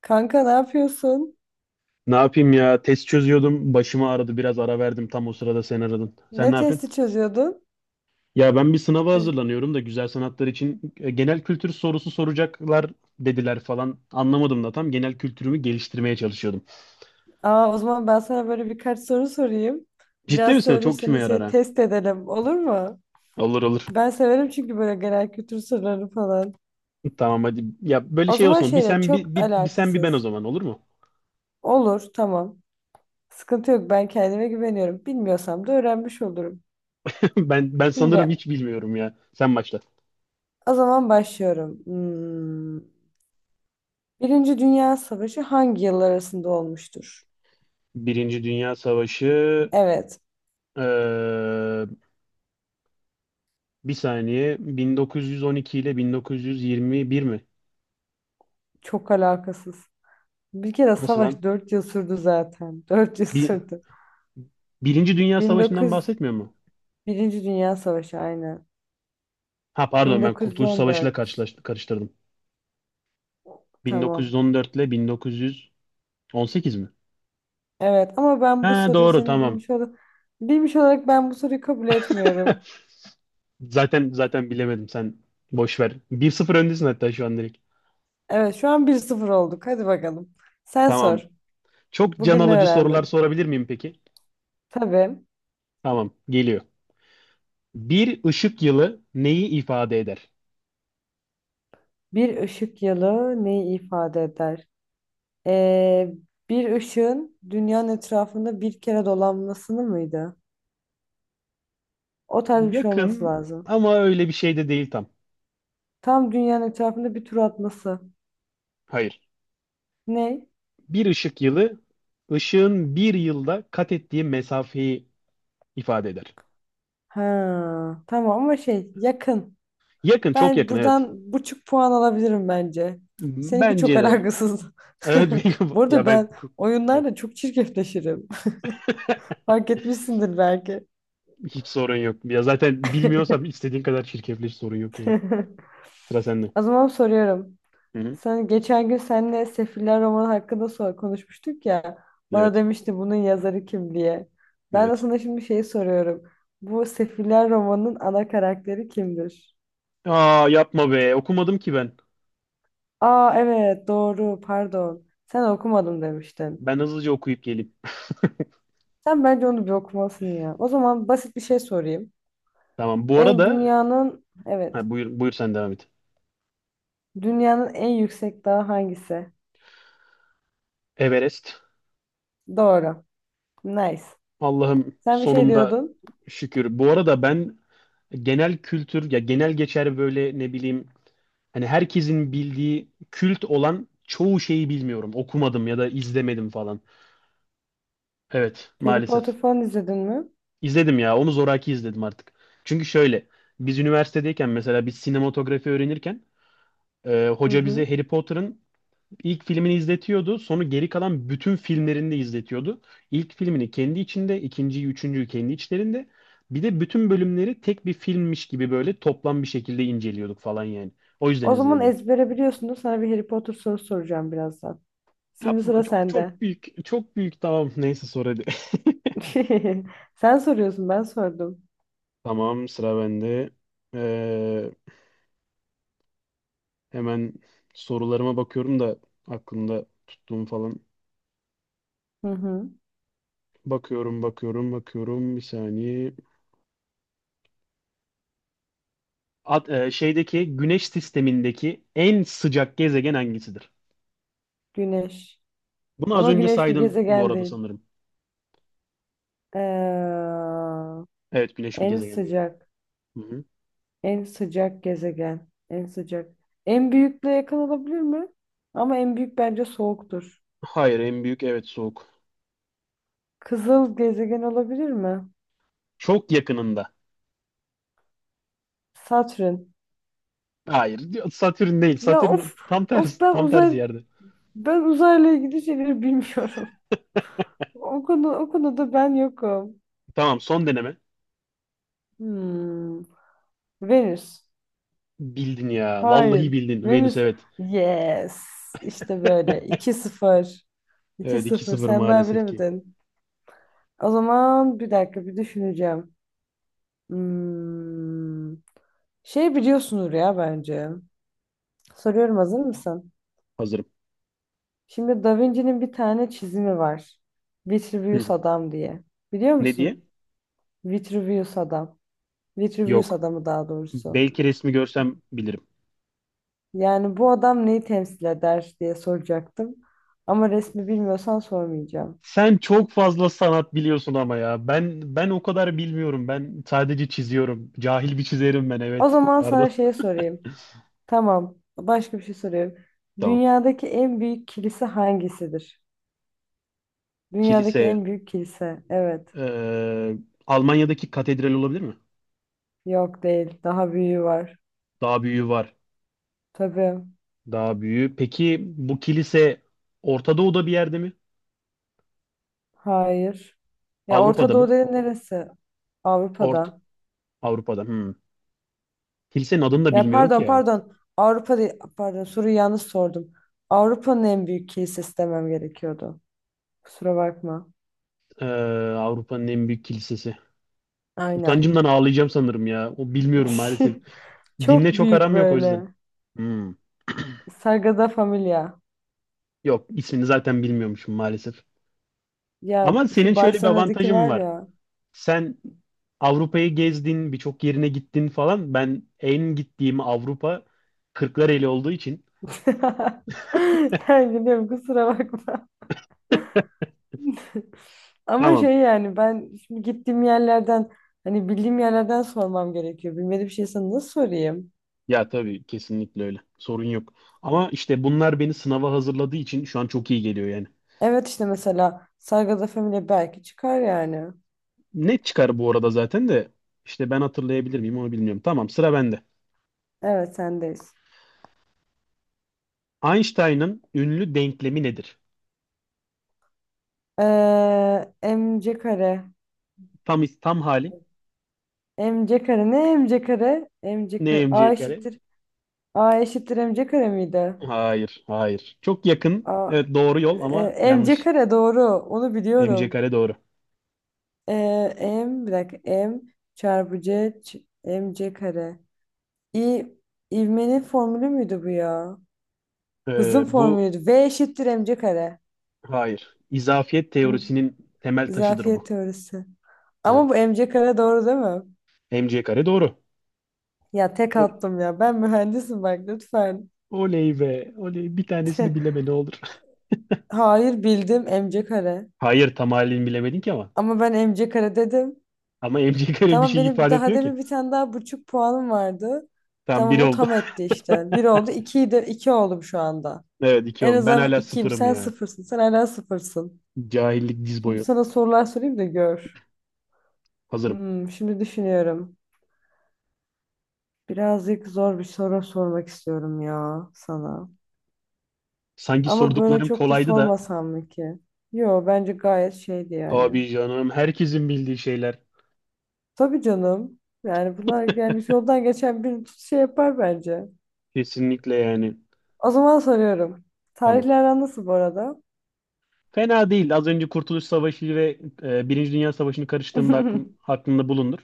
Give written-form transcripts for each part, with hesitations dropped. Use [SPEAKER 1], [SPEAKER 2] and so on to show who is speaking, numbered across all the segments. [SPEAKER 1] Kanka ne yapıyorsun?
[SPEAKER 2] Ne yapayım ya? Test çözüyordum. Başımı ağrıdı. Biraz ara verdim. Tam o sırada sen aradın.
[SPEAKER 1] Ne
[SPEAKER 2] Sen ne yapıyorsun?
[SPEAKER 1] testi çözüyordun?
[SPEAKER 2] Ya ben bir sınava
[SPEAKER 1] Ne?
[SPEAKER 2] hazırlanıyorum da güzel sanatlar için genel kültür sorusu soracaklar dediler falan. Anlamadım da tam genel kültürümü geliştirmeye çalışıyordum.
[SPEAKER 1] Aa, o zaman ben sana böyle birkaç soru sorayım.
[SPEAKER 2] Ciddi
[SPEAKER 1] Biraz
[SPEAKER 2] misin? Çok kime
[SPEAKER 1] söylürseniz
[SPEAKER 2] yarar
[SPEAKER 1] şey
[SPEAKER 2] ha?
[SPEAKER 1] test edelim olur mu?
[SPEAKER 2] Olur olur.
[SPEAKER 1] Ben severim çünkü böyle genel kültür soruları falan.
[SPEAKER 2] Tamam hadi. Ya böyle
[SPEAKER 1] O
[SPEAKER 2] şey
[SPEAKER 1] zaman
[SPEAKER 2] olsun. Bir
[SPEAKER 1] şeyle
[SPEAKER 2] sen
[SPEAKER 1] çok
[SPEAKER 2] bir ben o
[SPEAKER 1] alakasız.
[SPEAKER 2] zaman olur mu?
[SPEAKER 1] Olur, tamam. Sıkıntı yok, ben kendime güveniyorum. Bilmiyorsam da öğrenmiş olurum.
[SPEAKER 2] Ben sanırım
[SPEAKER 1] Şimdi
[SPEAKER 2] hiç bilmiyorum ya. Sen başla.
[SPEAKER 1] o zaman başlıyorum. Hmm. Birinci Dünya Savaşı hangi yıllar arasında olmuştur?
[SPEAKER 2] Birinci Dünya Savaşı
[SPEAKER 1] Evet,
[SPEAKER 2] eee, bir saniye 1912 ile 1921 mi?
[SPEAKER 1] çok alakasız. Bir kere
[SPEAKER 2] Nasıl lan?
[SPEAKER 1] savaş 4 yıl sürdü zaten. 4 yıl
[SPEAKER 2] Bir,
[SPEAKER 1] sürdü.
[SPEAKER 2] Birinci Dünya Savaşı'ndan
[SPEAKER 1] 1900
[SPEAKER 2] bahsetmiyor mu?
[SPEAKER 1] Birinci Dünya Savaşı aynen.
[SPEAKER 2] Ha pardon ben Kurtuluş Savaşı'yla
[SPEAKER 1] 1914.
[SPEAKER 2] karıştırdım.
[SPEAKER 1] Tamam.
[SPEAKER 2] 1914 ile 1918 mi?
[SPEAKER 1] Evet ama ben bu
[SPEAKER 2] Ha
[SPEAKER 1] soruyu
[SPEAKER 2] doğru
[SPEAKER 1] senin
[SPEAKER 2] tamam.
[SPEAKER 1] bilmiş olarak ben bu soruyu kabul etmiyorum.
[SPEAKER 2] Zaten bilemedim sen boş ver. 1-0 öndesin hatta şu an direkt.
[SPEAKER 1] Evet, şu an bir sıfır olduk. Hadi bakalım. Sen sor.
[SPEAKER 2] Tamam. Çok can
[SPEAKER 1] Bugün ne
[SPEAKER 2] alıcı sorular
[SPEAKER 1] öğrendin?
[SPEAKER 2] sorabilir miyim peki?
[SPEAKER 1] Tabii.
[SPEAKER 2] Tamam, geliyor. Bir ışık yılı neyi ifade eder?
[SPEAKER 1] Bir ışık yılı neyi ifade eder? Ee, bir ışığın dünyanın etrafında bir kere dolanmasını mıydı? O tarz bir şey olması
[SPEAKER 2] Yakın
[SPEAKER 1] lazım.
[SPEAKER 2] ama öyle bir şey de değil tam.
[SPEAKER 1] Tam dünyanın etrafında bir tur atması.
[SPEAKER 2] Hayır.
[SPEAKER 1] Ne?
[SPEAKER 2] Bir ışık yılı ışığın bir yılda kat ettiği mesafeyi ifade eder.
[SPEAKER 1] Ha, tamam ama şey yakın.
[SPEAKER 2] Yakın, çok
[SPEAKER 1] Ben
[SPEAKER 2] yakın evet.
[SPEAKER 1] buradan buçuk puan alabilirim bence. Seninki çok
[SPEAKER 2] Bence de.
[SPEAKER 1] alakasız.
[SPEAKER 2] Evet. Wing of-
[SPEAKER 1] Bu
[SPEAKER 2] ya
[SPEAKER 1] arada
[SPEAKER 2] ben
[SPEAKER 1] ben
[SPEAKER 2] ku- Evet.
[SPEAKER 1] oyunlarla çok çirkefleşirim. Fark etmişsindir belki.
[SPEAKER 2] Hiç sorun yok. Ya zaten bilmiyorsam istediğin kadar çirkefleş sorun yok yani. Sıra sende.
[SPEAKER 1] O zaman soruyorum.
[SPEAKER 2] Hı hı.
[SPEAKER 1] Sen geçen gün seninle Sefiller romanı hakkında konuşmuştuk ya. Bana
[SPEAKER 2] Evet.
[SPEAKER 1] demişti bunun yazarı kim diye. Ben de
[SPEAKER 2] Evet.
[SPEAKER 1] sana şimdi şeyi soruyorum. Bu Sefiller romanının ana karakteri kimdir?
[SPEAKER 2] Aa yapma be. Okumadım ki ben.
[SPEAKER 1] Aa, evet doğru, pardon. Sen okumadım demiştin.
[SPEAKER 2] Ben hızlıca okuyup geleyim.
[SPEAKER 1] Sen bence onu bir okumalısın ya. O zaman basit bir şey sorayım.
[SPEAKER 2] Tamam. Bu
[SPEAKER 1] En
[SPEAKER 2] arada
[SPEAKER 1] dünyanın evet
[SPEAKER 2] ha, buyur, buyur sen devam et.
[SPEAKER 1] dünyanın en yüksek dağı hangisi?
[SPEAKER 2] Everest.
[SPEAKER 1] Doğru. Nice.
[SPEAKER 2] Allah'ım
[SPEAKER 1] Sen bir şey
[SPEAKER 2] sonunda
[SPEAKER 1] diyordun.
[SPEAKER 2] şükür. Bu arada ben genel kültür ya genel geçer böyle ne bileyim. Hani herkesin bildiği kült olan çoğu şeyi bilmiyorum. Okumadım ya da izlemedim falan. Evet,
[SPEAKER 1] Harry Potter
[SPEAKER 2] maalesef.
[SPEAKER 1] falan izledin mi?
[SPEAKER 2] İzledim ya. Onu zoraki izledim artık. Çünkü şöyle, biz üniversitedeyken mesela biz sinematografi öğrenirken
[SPEAKER 1] Hı
[SPEAKER 2] hoca bize
[SPEAKER 1] hı.
[SPEAKER 2] Harry Potter'ın ilk filmini izletiyordu. Sonra geri kalan bütün filmlerini de izletiyordu. İlk filmini kendi içinde, ikinciyi, üçüncüyü kendi içlerinde. Bir de bütün bölümleri tek bir filmmiş gibi böyle toplam bir şekilde inceliyorduk falan yani. O yüzden
[SPEAKER 1] O zaman
[SPEAKER 2] izledim onu.
[SPEAKER 1] ezbere biliyorsundur. Sana bir Harry Potter sorusu soracağım birazdan. Şimdi
[SPEAKER 2] Yapma
[SPEAKER 1] sıra
[SPEAKER 2] çok
[SPEAKER 1] sende.
[SPEAKER 2] çok büyük çok büyük tamam neyse sor hadi.
[SPEAKER 1] Sen soruyorsun, ben sordum.
[SPEAKER 2] Tamam sıra bende. Ee, Hemen sorularıma bakıyorum da aklımda tuttuğum falan.
[SPEAKER 1] Hı hı.
[SPEAKER 2] Bakıyorum bakıyorum bakıyorum bir saniye. At, e, şeydeki Güneş sistemindeki en sıcak gezegen hangisidir?
[SPEAKER 1] Güneş.
[SPEAKER 2] Bunu az
[SPEAKER 1] Ama
[SPEAKER 2] önce
[SPEAKER 1] güneş bir
[SPEAKER 2] saydın bu
[SPEAKER 1] gezegen
[SPEAKER 2] arada
[SPEAKER 1] değil.
[SPEAKER 2] sanırım.
[SPEAKER 1] Ee,
[SPEAKER 2] Evet, Güneş bir
[SPEAKER 1] En
[SPEAKER 2] gezegen değil.
[SPEAKER 1] sıcak,
[SPEAKER 2] Hı hı.
[SPEAKER 1] en sıcak gezegen, en sıcak. En büyükle yakın olabilir mi? Ama en büyük bence soğuktur.
[SPEAKER 2] Hayır, en büyük evet soğuk.
[SPEAKER 1] Kızıl gezegen olabilir mi?
[SPEAKER 2] Çok yakınında.
[SPEAKER 1] Satürn.
[SPEAKER 2] Hayır, Satürn değil,
[SPEAKER 1] Ya of,
[SPEAKER 2] Satürn tam tersi,
[SPEAKER 1] ben
[SPEAKER 2] tam tersi yerde.
[SPEAKER 1] ben uzayla ilgili şeyleri bilmiyorum. O konuda ben yokum.
[SPEAKER 2] Tamam, son deneme.
[SPEAKER 1] Hmm. Venüs.
[SPEAKER 2] Bildin ya. Vallahi
[SPEAKER 1] Hayır.
[SPEAKER 2] bildin. Venüs
[SPEAKER 1] Venüs.
[SPEAKER 2] evet.
[SPEAKER 1] Yes. İşte böyle. 2 sıfır. 2
[SPEAKER 2] Evet, iki
[SPEAKER 1] sıfır.
[SPEAKER 2] sıfır
[SPEAKER 1] Sen daha
[SPEAKER 2] maalesef ki.
[SPEAKER 1] bilemedin. O zaman bir dakika bir düşüneceğim. Hmm. Şey biliyorsunuz ya bence. Soruyorum, hazır mısın?
[SPEAKER 2] Hazırım.
[SPEAKER 1] Şimdi Da Vinci'nin bir tane çizimi var. Vitruvius
[SPEAKER 2] Hı.
[SPEAKER 1] adam diye. Biliyor
[SPEAKER 2] Ne diye?
[SPEAKER 1] musun? Vitruvius adam. Vitruvius
[SPEAKER 2] Yok.
[SPEAKER 1] adamı daha doğrusu.
[SPEAKER 2] Belki resmi görsem bilirim.
[SPEAKER 1] Yani bu adam neyi temsil eder diye soracaktım. Ama resmi bilmiyorsan sormayacağım.
[SPEAKER 2] Sen çok fazla sanat biliyorsun ama ya. Ben o kadar bilmiyorum. Ben sadece çiziyorum. Cahil bir çizerim ben
[SPEAKER 1] O
[SPEAKER 2] evet.
[SPEAKER 1] zaman
[SPEAKER 2] Pardon.
[SPEAKER 1] sana şey sorayım. Tamam. Başka bir şey soruyorum.
[SPEAKER 2] Tamam.
[SPEAKER 1] Dünyadaki en büyük kilise hangisidir? Dünyadaki
[SPEAKER 2] Kilise.
[SPEAKER 1] en büyük kilise. Evet.
[SPEAKER 2] eee, Almanya'daki katedral olabilir mi?
[SPEAKER 1] Yok, değil. Daha büyüğü var.
[SPEAKER 2] Daha büyüğü var.
[SPEAKER 1] Tabii.
[SPEAKER 2] Daha büyüğü. Peki bu kilise Orta Doğu'da bir yerde mi?
[SPEAKER 1] Hayır. Ya Orta
[SPEAKER 2] Avrupa'da
[SPEAKER 1] Doğu
[SPEAKER 2] mı?
[SPEAKER 1] dediğin neresi?
[SPEAKER 2] Orta
[SPEAKER 1] Avrupa'da.
[SPEAKER 2] Avrupa'da. Hmm. Kilisenin adını da
[SPEAKER 1] Ya,
[SPEAKER 2] bilmiyorum ki
[SPEAKER 1] pardon
[SPEAKER 2] ya.
[SPEAKER 1] pardon. Avrupa değil. Pardon, soruyu yanlış sordum. Avrupa'nın en büyük kilisesi demem gerekiyordu. Kusura bakma.
[SPEAKER 2] Ee, Avrupa'nın en büyük kilisesi.
[SPEAKER 1] Aynen.
[SPEAKER 2] Utancımdan ağlayacağım sanırım ya. O bilmiyorum maalesef. Dinle
[SPEAKER 1] Çok
[SPEAKER 2] çok
[SPEAKER 1] büyük
[SPEAKER 2] aram yok o yüzden.
[SPEAKER 1] böyle.
[SPEAKER 2] Hmm.
[SPEAKER 1] Sagrada Familia.
[SPEAKER 2] Yok, ismini zaten bilmiyormuşum maalesef.
[SPEAKER 1] Ya
[SPEAKER 2] Ama senin
[SPEAKER 1] şu
[SPEAKER 2] şöyle bir
[SPEAKER 1] Barcelona'daki
[SPEAKER 2] avantajın
[SPEAKER 1] var
[SPEAKER 2] var.
[SPEAKER 1] ya.
[SPEAKER 2] Sen Avrupa'yı gezdin, birçok yerine gittin falan. Ben en gittiğim Avrupa Kırklareli olduğu için.
[SPEAKER 1] Yani biliyorum, kusura bakma. Ama
[SPEAKER 2] Tamam.
[SPEAKER 1] şey yani ben şimdi gittiğim yerlerden hani bildiğim yerlerden sormam gerekiyor. Bilmediğim şey sana nasıl sorayım?
[SPEAKER 2] Ya tabii, kesinlikle öyle. Sorun yok. Ama işte bunlar beni sınava hazırladığı için şu an çok iyi geliyor yani.
[SPEAKER 1] Evet, işte mesela Sagrada Familia belki çıkar yani.
[SPEAKER 2] Net çıkar bu arada zaten de, işte ben hatırlayabilir miyim onu bilmiyorum. Tamam sıra bende.
[SPEAKER 1] Evet, sendeyiz.
[SPEAKER 2] Einstein'ın ünlü denklemi nedir?
[SPEAKER 1] MC kare.
[SPEAKER 2] Tam hali
[SPEAKER 1] MC kare ne MC kare? MC
[SPEAKER 2] ne
[SPEAKER 1] kare.
[SPEAKER 2] mc
[SPEAKER 1] A
[SPEAKER 2] kare?
[SPEAKER 1] eşittir. A eşittir MC kare miydi?
[SPEAKER 2] Hayır, hayır. Çok yakın.
[SPEAKER 1] A,
[SPEAKER 2] Evet, doğru yol ama
[SPEAKER 1] MC
[SPEAKER 2] yanlış.
[SPEAKER 1] kare doğru. Onu
[SPEAKER 2] Mc
[SPEAKER 1] biliyorum.
[SPEAKER 2] kare doğru.
[SPEAKER 1] Ee, M bir dakika. M çarpı C ç- MC kare. İ, ivmenin formülü müydü bu ya? Hızın
[SPEAKER 2] Bu
[SPEAKER 1] formülüydü. V eşittir mc kare.
[SPEAKER 2] Hayır. İzafiyet
[SPEAKER 1] Hı,
[SPEAKER 2] teorisinin temel taşıdır
[SPEAKER 1] izafiyet
[SPEAKER 2] bu.
[SPEAKER 1] teorisi. Ama bu
[SPEAKER 2] Evet.
[SPEAKER 1] mc kare doğru değil mi?
[SPEAKER 2] mc kare doğru.
[SPEAKER 1] Ya tek
[SPEAKER 2] O-
[SPEAKER 1] attım ya. Ben mühendisim, bak lütfen.
[SPEAKER 2] Oley be. Oley. Bir tanesini bileme ne olur.
[SPEAKER 1] Hayır, bildim mc kare.
[SPEAKER 2] Hayır, tam halini bilemedin ki ama.
[SPEAKER 1] Ama ben mc kare dedim.
[SPEAKER 2] Ama MC kare bir
[SPEAKER 1] Tamam,
[SPEAKER 2] şey
[SPEAKER 1] benim bir
[SPEAKER 2] ifade
[SPEAKER 1] daha
[SPEAKER 2] etmiyor ki.
[SPEAKER 1] demin bir tane daha buçuk puanım vardı.
[SPEAKER 2] Tam bir
[SPEAKER 1] Tamam, o
[SPEAKER 2] oldu.
[SPEAKER 1] tam etti işte. Bir oldu, ikiyi de iki oldum şu anda.
[SPEAKER 2] Evet, iki
[SPEAKER 1] En
[SPEAKER 2] oldu. Ben
[SPEAKER 1] azından
[SPEAKER 2] hala
[SPEAKER 1] ikiyim,
[SPEAKER 2] sıfırım
[SPEAKER 1] sen
[SPEAKER 2] ya.
[SPEAKER 1] sıfırsın. Sen hala sıfırsın.
[SPEAKER 2] Cahillik diz
[SPEAKER 1] Şimdi
[SPEAKER 2] boyu.
[SPEAKER 1] sana sorular sorayım da gör.
[SPEAKER 2] Hazırım.
[SPEAKER 1] Şimdi düşünüyorum. Birazcık zor bir soru sormak istiyorum ya sana.
[SPEAKER 2] Sanki
[SPEAKER 1] Ama böyle
[SPEAKER 2] sorduklarım
[SPEAKER 1] çok da
[SPEAKER 2] kolaydı da.
[SPEAKER 1] sormasam mı ki? Yo, bence gayet şeydi yani.
[SPEAKER 2] Abi canım herkesin bildiği şeyler.
[SPEAKER 1] Tabii canım. Yani bunlar yani yoldan geçen bir şey yapar bence.
[SPEAKER 2] Kesinlikle yani.
[SPEAKER 1] O zaman soruyorum.
[SPEAKER 2] Tamam.
[SPEAKER 1] Tarihler aran nasıl bu arada?
[SPEAKER 2] Fena değil. Az önce Kurtuluş Savaşı ve Birinci Dünya Savaşı'nı karıştığımda aklımda bulundur.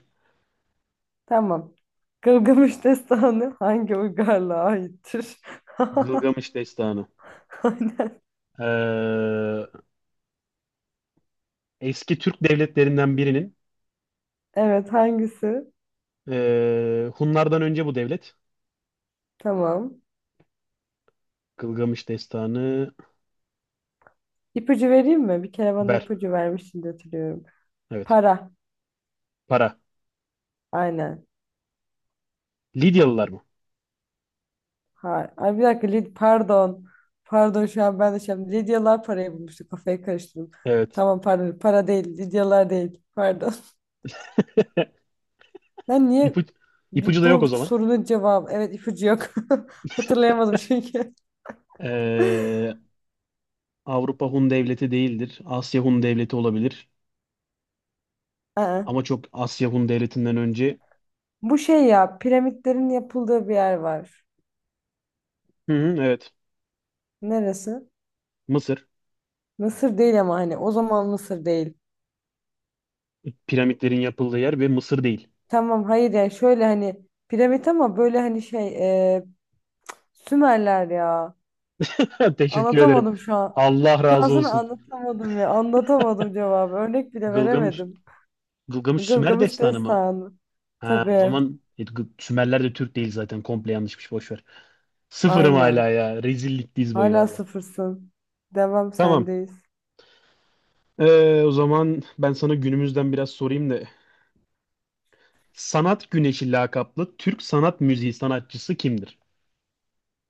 [SPEAKER 1] Tamam. Gılgamış Destanı hangi uygarlığa aittir?
[SPEAKER 2] Gılgamış Destanı.
[SPEAKER 1] Aynen.
[SPEAKER 2] Ee, Eski Türk devletlerinden birinin,
[SPEAKER 1] Evet, hangisi?
[SPEAKER 2] Hunlardan önce bu devlet,
[SPEAKER 1] Tamam.
[SPEAKER 2] Gılgamış Destanı.
[SPEAKER 1] İpucu vereyim mi? Bir kere bana
[SPEAKER 2] Ver.
[SPEAKER 1] ipucu vermiştin de hatırlıyorum.
[SPEAKER 2] Evet.
[SPEAKER 1] Para.
[SPEAKER 2] Para.
[SPEAKER 1] Aynen.
[SPEAKER 2] Lidyalılar mı?
[SPEAKER 1] Ha, ay bir dakika, pardon. Pardon, şu an ben de şey yaptım. Lidyalar parayı bulmuştu. Kafayı karıştırdım.
[SPEAKER 2] Evet.
[SPEAKER 1] Tamam, pardon. Para değil. Lidyalar değil. Pardon. Ben niye
[SPEAKER 2] İpucu ipucu da yok
[SPEAKER 1] bu
[SPEAKER 2] o zaman.
[SPEAKER 1] sorunun cevabı evet ipucu yok. Hatırlayamadım çünkü.
[SPEAKER 2] Ee, Avrupa Hun devleti değildir. Asya Hun devleti olabilir.
[SPEAKER 1] Aa.
[SPEAKER 2] Ama çok Asya Hun devletinden önce.
[SPEAKER 1] Bu şey ya piramitlerin yapıldığı bir yer var.
[SPEAKER 2] Hı hı, evet.
[SPEAKER 1] Neresi?
[SPEAKER 2] Mısır.
[SPEAKER 1] Mısır değil ama hani o zaman Mısır değil.
[SPEAKER 2] Piramitlerin yapıldığı yer ve Mısır değil.
[SPEAKER 1] Tamam, hayır yani şöyle hani piramit ama böyle hani e, Sümerler ya.
[SPEAKER 2] Teşekkür ederim.
[SPEAKER 1] Anlatamadım şu an.
[SPEAKER 2] Allah razı
[SPEAKER 1] Destansı
[SPEAKER 2] olsun.
[SPEAKER 1] anlatamadım ya. Anlatamadım cevabı. Örnek bile
[SPEAKER 2] Gılgamış,
[SPEAKER 1] veremedim.
[SPEAKER 2] Gılgamış Sümer
[SPEAKER 1] Gılgamış
[SPEAKER 2] destanı mı?
[SPEAKER 1] Destanı.
[SPEAKER 2] Ha, o
[SPEAKER 1] Tabii.
[SPEAKER 2] zaman Sümerler de Türk değil zaten. Komple yanlışmış. Boş ver. Sıfırım
[SPEAKER 1] Aynen.
[SPEAKER 2] hala ya. Rezillik diz boyu
[SPEAKER 1] Hala
[SPEAKER 2] valla.
[SPEAKER 1] sıfırsın. Devam,
[SPEAKER 2] Tamam.
[SPEAKER 1] sendeyiz.
[SPEAKER 2] O zaman ben sana günümüzden biraz sorayım da. Sanat Güneşi lakaplı Türk sanat müziği sanatçısı kimdir?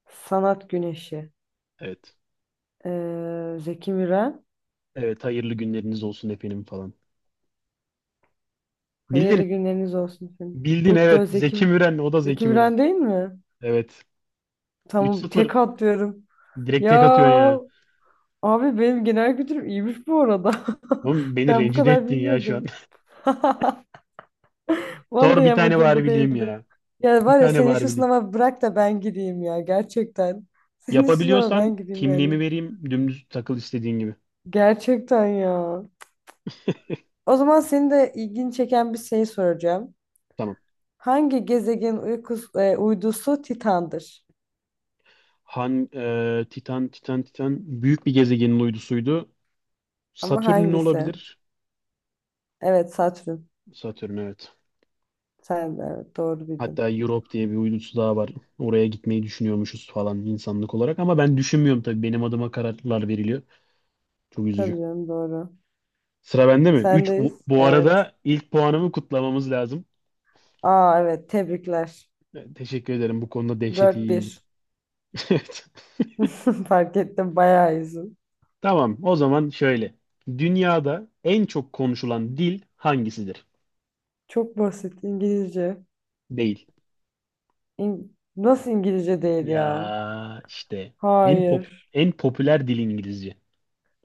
[SPEAKER 1] Sanat Güneşi.
[SPEAKER 2] Evet.
[SPEAKER 1] Zeki Müren.
[SPEAKER 2] Evet, hayırlı günleriniz olsun efendim falan.
[SPEAKER 1] Hayırlı
[SPEAKER 2] Bildin.
[SPEAKER 1] günleriniz olsun senin.
[SPEAKER 2] Bildin
[SPEAKER 1] Bu da
[SPEAKER 2] evet. Zeki Müren. O da
[SPEAKER 1] Zeki
[SPEAKER 2] Zeki Müren.
[SPEAKER 1] Müren değil mi?
[SPEAKER 2] Evet.
[SPEAKER 1] Tamam, tek
[SPEAKER 2] 3-0.
[SPEAKER 1] atlıyorum.
[SPEAKER 2] Direkt
[SPEAKER 1] Ya
[SPEAKER 2] tek atıyorsun ya.
[SPEAKER 1] abi benim genel kültürüm iyiymiş bu arada.
[SPEAKER 2] Oğlum beni
[SPEAKER 1] Ben bu
[SPEAKER 2] rencide
[SPEAKER 1] kadar
[SPEAKER 2] ettin ya şu an.
[SPEAKER 1] bilmiyordum.
[SPEAKER 2] Sor
[SPEAKER 1] Vallahi
[SPEAKER 2] bir tane
[SPEAKER 1] amacım
[SPEAKER 2] bari
[SPEAKER 1] bu
[SPEAKER 2] bileyim
[SPEAKER 1] değildi.
[SPEAKER 2] ya.
[SPEAKER 1] Ya
[SPEAKER 2] Bir
[SPEAKER 1] var ya,
[SPEAKER 2] tane
[SPEAKER 1] senin
[SPEAKER 2] bari
[SPEAKER 1] şu
[SPEAKER 2] bileyim.
[SPEAKER 1] sınava bırak da ben gideyim ya, gerçekten. Senin şu sınava ben
[SPEAKER 2] Yapabiliyorsan
[SPEAKER 1] gideyim yani.
[SPEAKER 2] kimliğimi vereyim. Dümdüz takıl istediğin gibi.
[SPEAKER 1] Gerçekten ya. O zaman seni de ilgini çeken bir şey soracağım.
[SPEAKER 2] Tamam.
[SPEAKER 1] Hangi gezegen uydusu Titan'dır?
[SPEAKER 2] Han, e, Titan, Titan, Titan büyük bir gezegenin uydusuydu.
[SPEAKER 1] Ama
[SPEAKER 2] Satürn'ün
[SPEAKER 1] hangisi?
[SPEAKER 2] olabilir.
[SPEAKER 1] Evet, Satürn.
[SPEAKER 2] Satürn evet.
[SPEAKER 1] Sen de evet doğru bildin.
[SPEAKER 2] Hatta Europe diye bir uydusu daha var. Oraya gitmeyi düşünüyormuşuz falan insanlık olarak. Ama ben düşünmüyorum tabii. Benim adıma kararlar veriliyor. Çok üzücü.
[SPEAKER 1] Tabii canım, doğru.
[SPEAKER 2] Sıra bende mi? 3.
[SPEAKER 1] Sendeyiz.
[SPEAKER 2] Bu
[SPEAKER 1] Evet.
[SPEAKER 2] arada ilk puanımı kutlamamız lazım.
[SPEAKER 1] Aa evet, tebrikler.
[SPEAKER 2] Teşekkür ederim. Bu konuda dehşet
[SPEAKER 1] Dört
[SPEAKER 2] iyiyimdir.
[SPEAKER 1] bir.
[SPEAKER 2] Evet.
[SPEAKER 1] Fark ettim, bayağı iyisin.
[SPEAKER 2] Tamam. O zaman şöyle. Dünyada en çok konuşulan dil hangisidir?
[SPEAKER 1] Çok basit, İngilizce.
[SPEAKER 2] Değil.
[SPEAKER 1] İng- Nasıl İngilizce değil ya?
[SPEAKER 2] Ya işte en pop
[SPEAKER 1] Hayır.
[SPEAKER 2] en popüler dil İngilizce.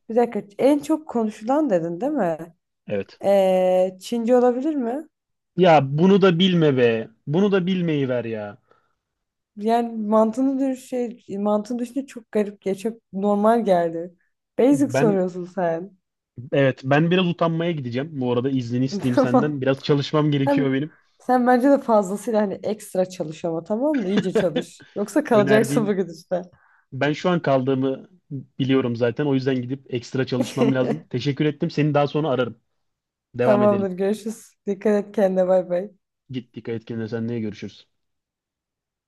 [SPEAKER 1] Bir dakika. En çok konuşulan dedin değil mi?
[SPEAKER 2] Evet.
[SPEAKER 1] Çince olabilir mi?
[SPEAKER 2] Ya bunu da bilme be. Bunu da bilmeyi ver ya.
[SPEAKER 1] Yani mantığını düşünce çok garip ya. Çok normal geldi. Basic
[SPEAKER 2] Ben
[SPEAKER 1] soruyorsun sen.
[SPEAKER 2] evet, ben biraz utanmaya gideceğim. Bu arada iznini isteyeyim senden.
[SPEAKER 1] Tamam.
[SPEAKER 2] Biraz çalışmam gerekiyor
[SPEAKER 1] Sen,
[SPEAKER 2] benim.
[SPEAKER 1] sen bence de fazlasıyla hani ekstra çalış ama tamam mı? İyice çalış. Yoksa kalacaksın
[SPEAKER 2] Önerdiğin
[SPEAKER 1] bugün işte.
[SPEAKER 2] ben şu an kaldığımı biliyorum zaten. O yüzden gidip ekstra çalışmam lazım. Teşekkür ettim. Seni daha sonra ararım. Devam
[SPEAKER 1] Tamamdır.
[SPEAKER 2] edelim.
[SPEAKER 1] Görüşürüz. Dikkat et kendine. Bay bay.
[SPEAKER 2] Git dikkat et kendine. Seninle görüşürüz.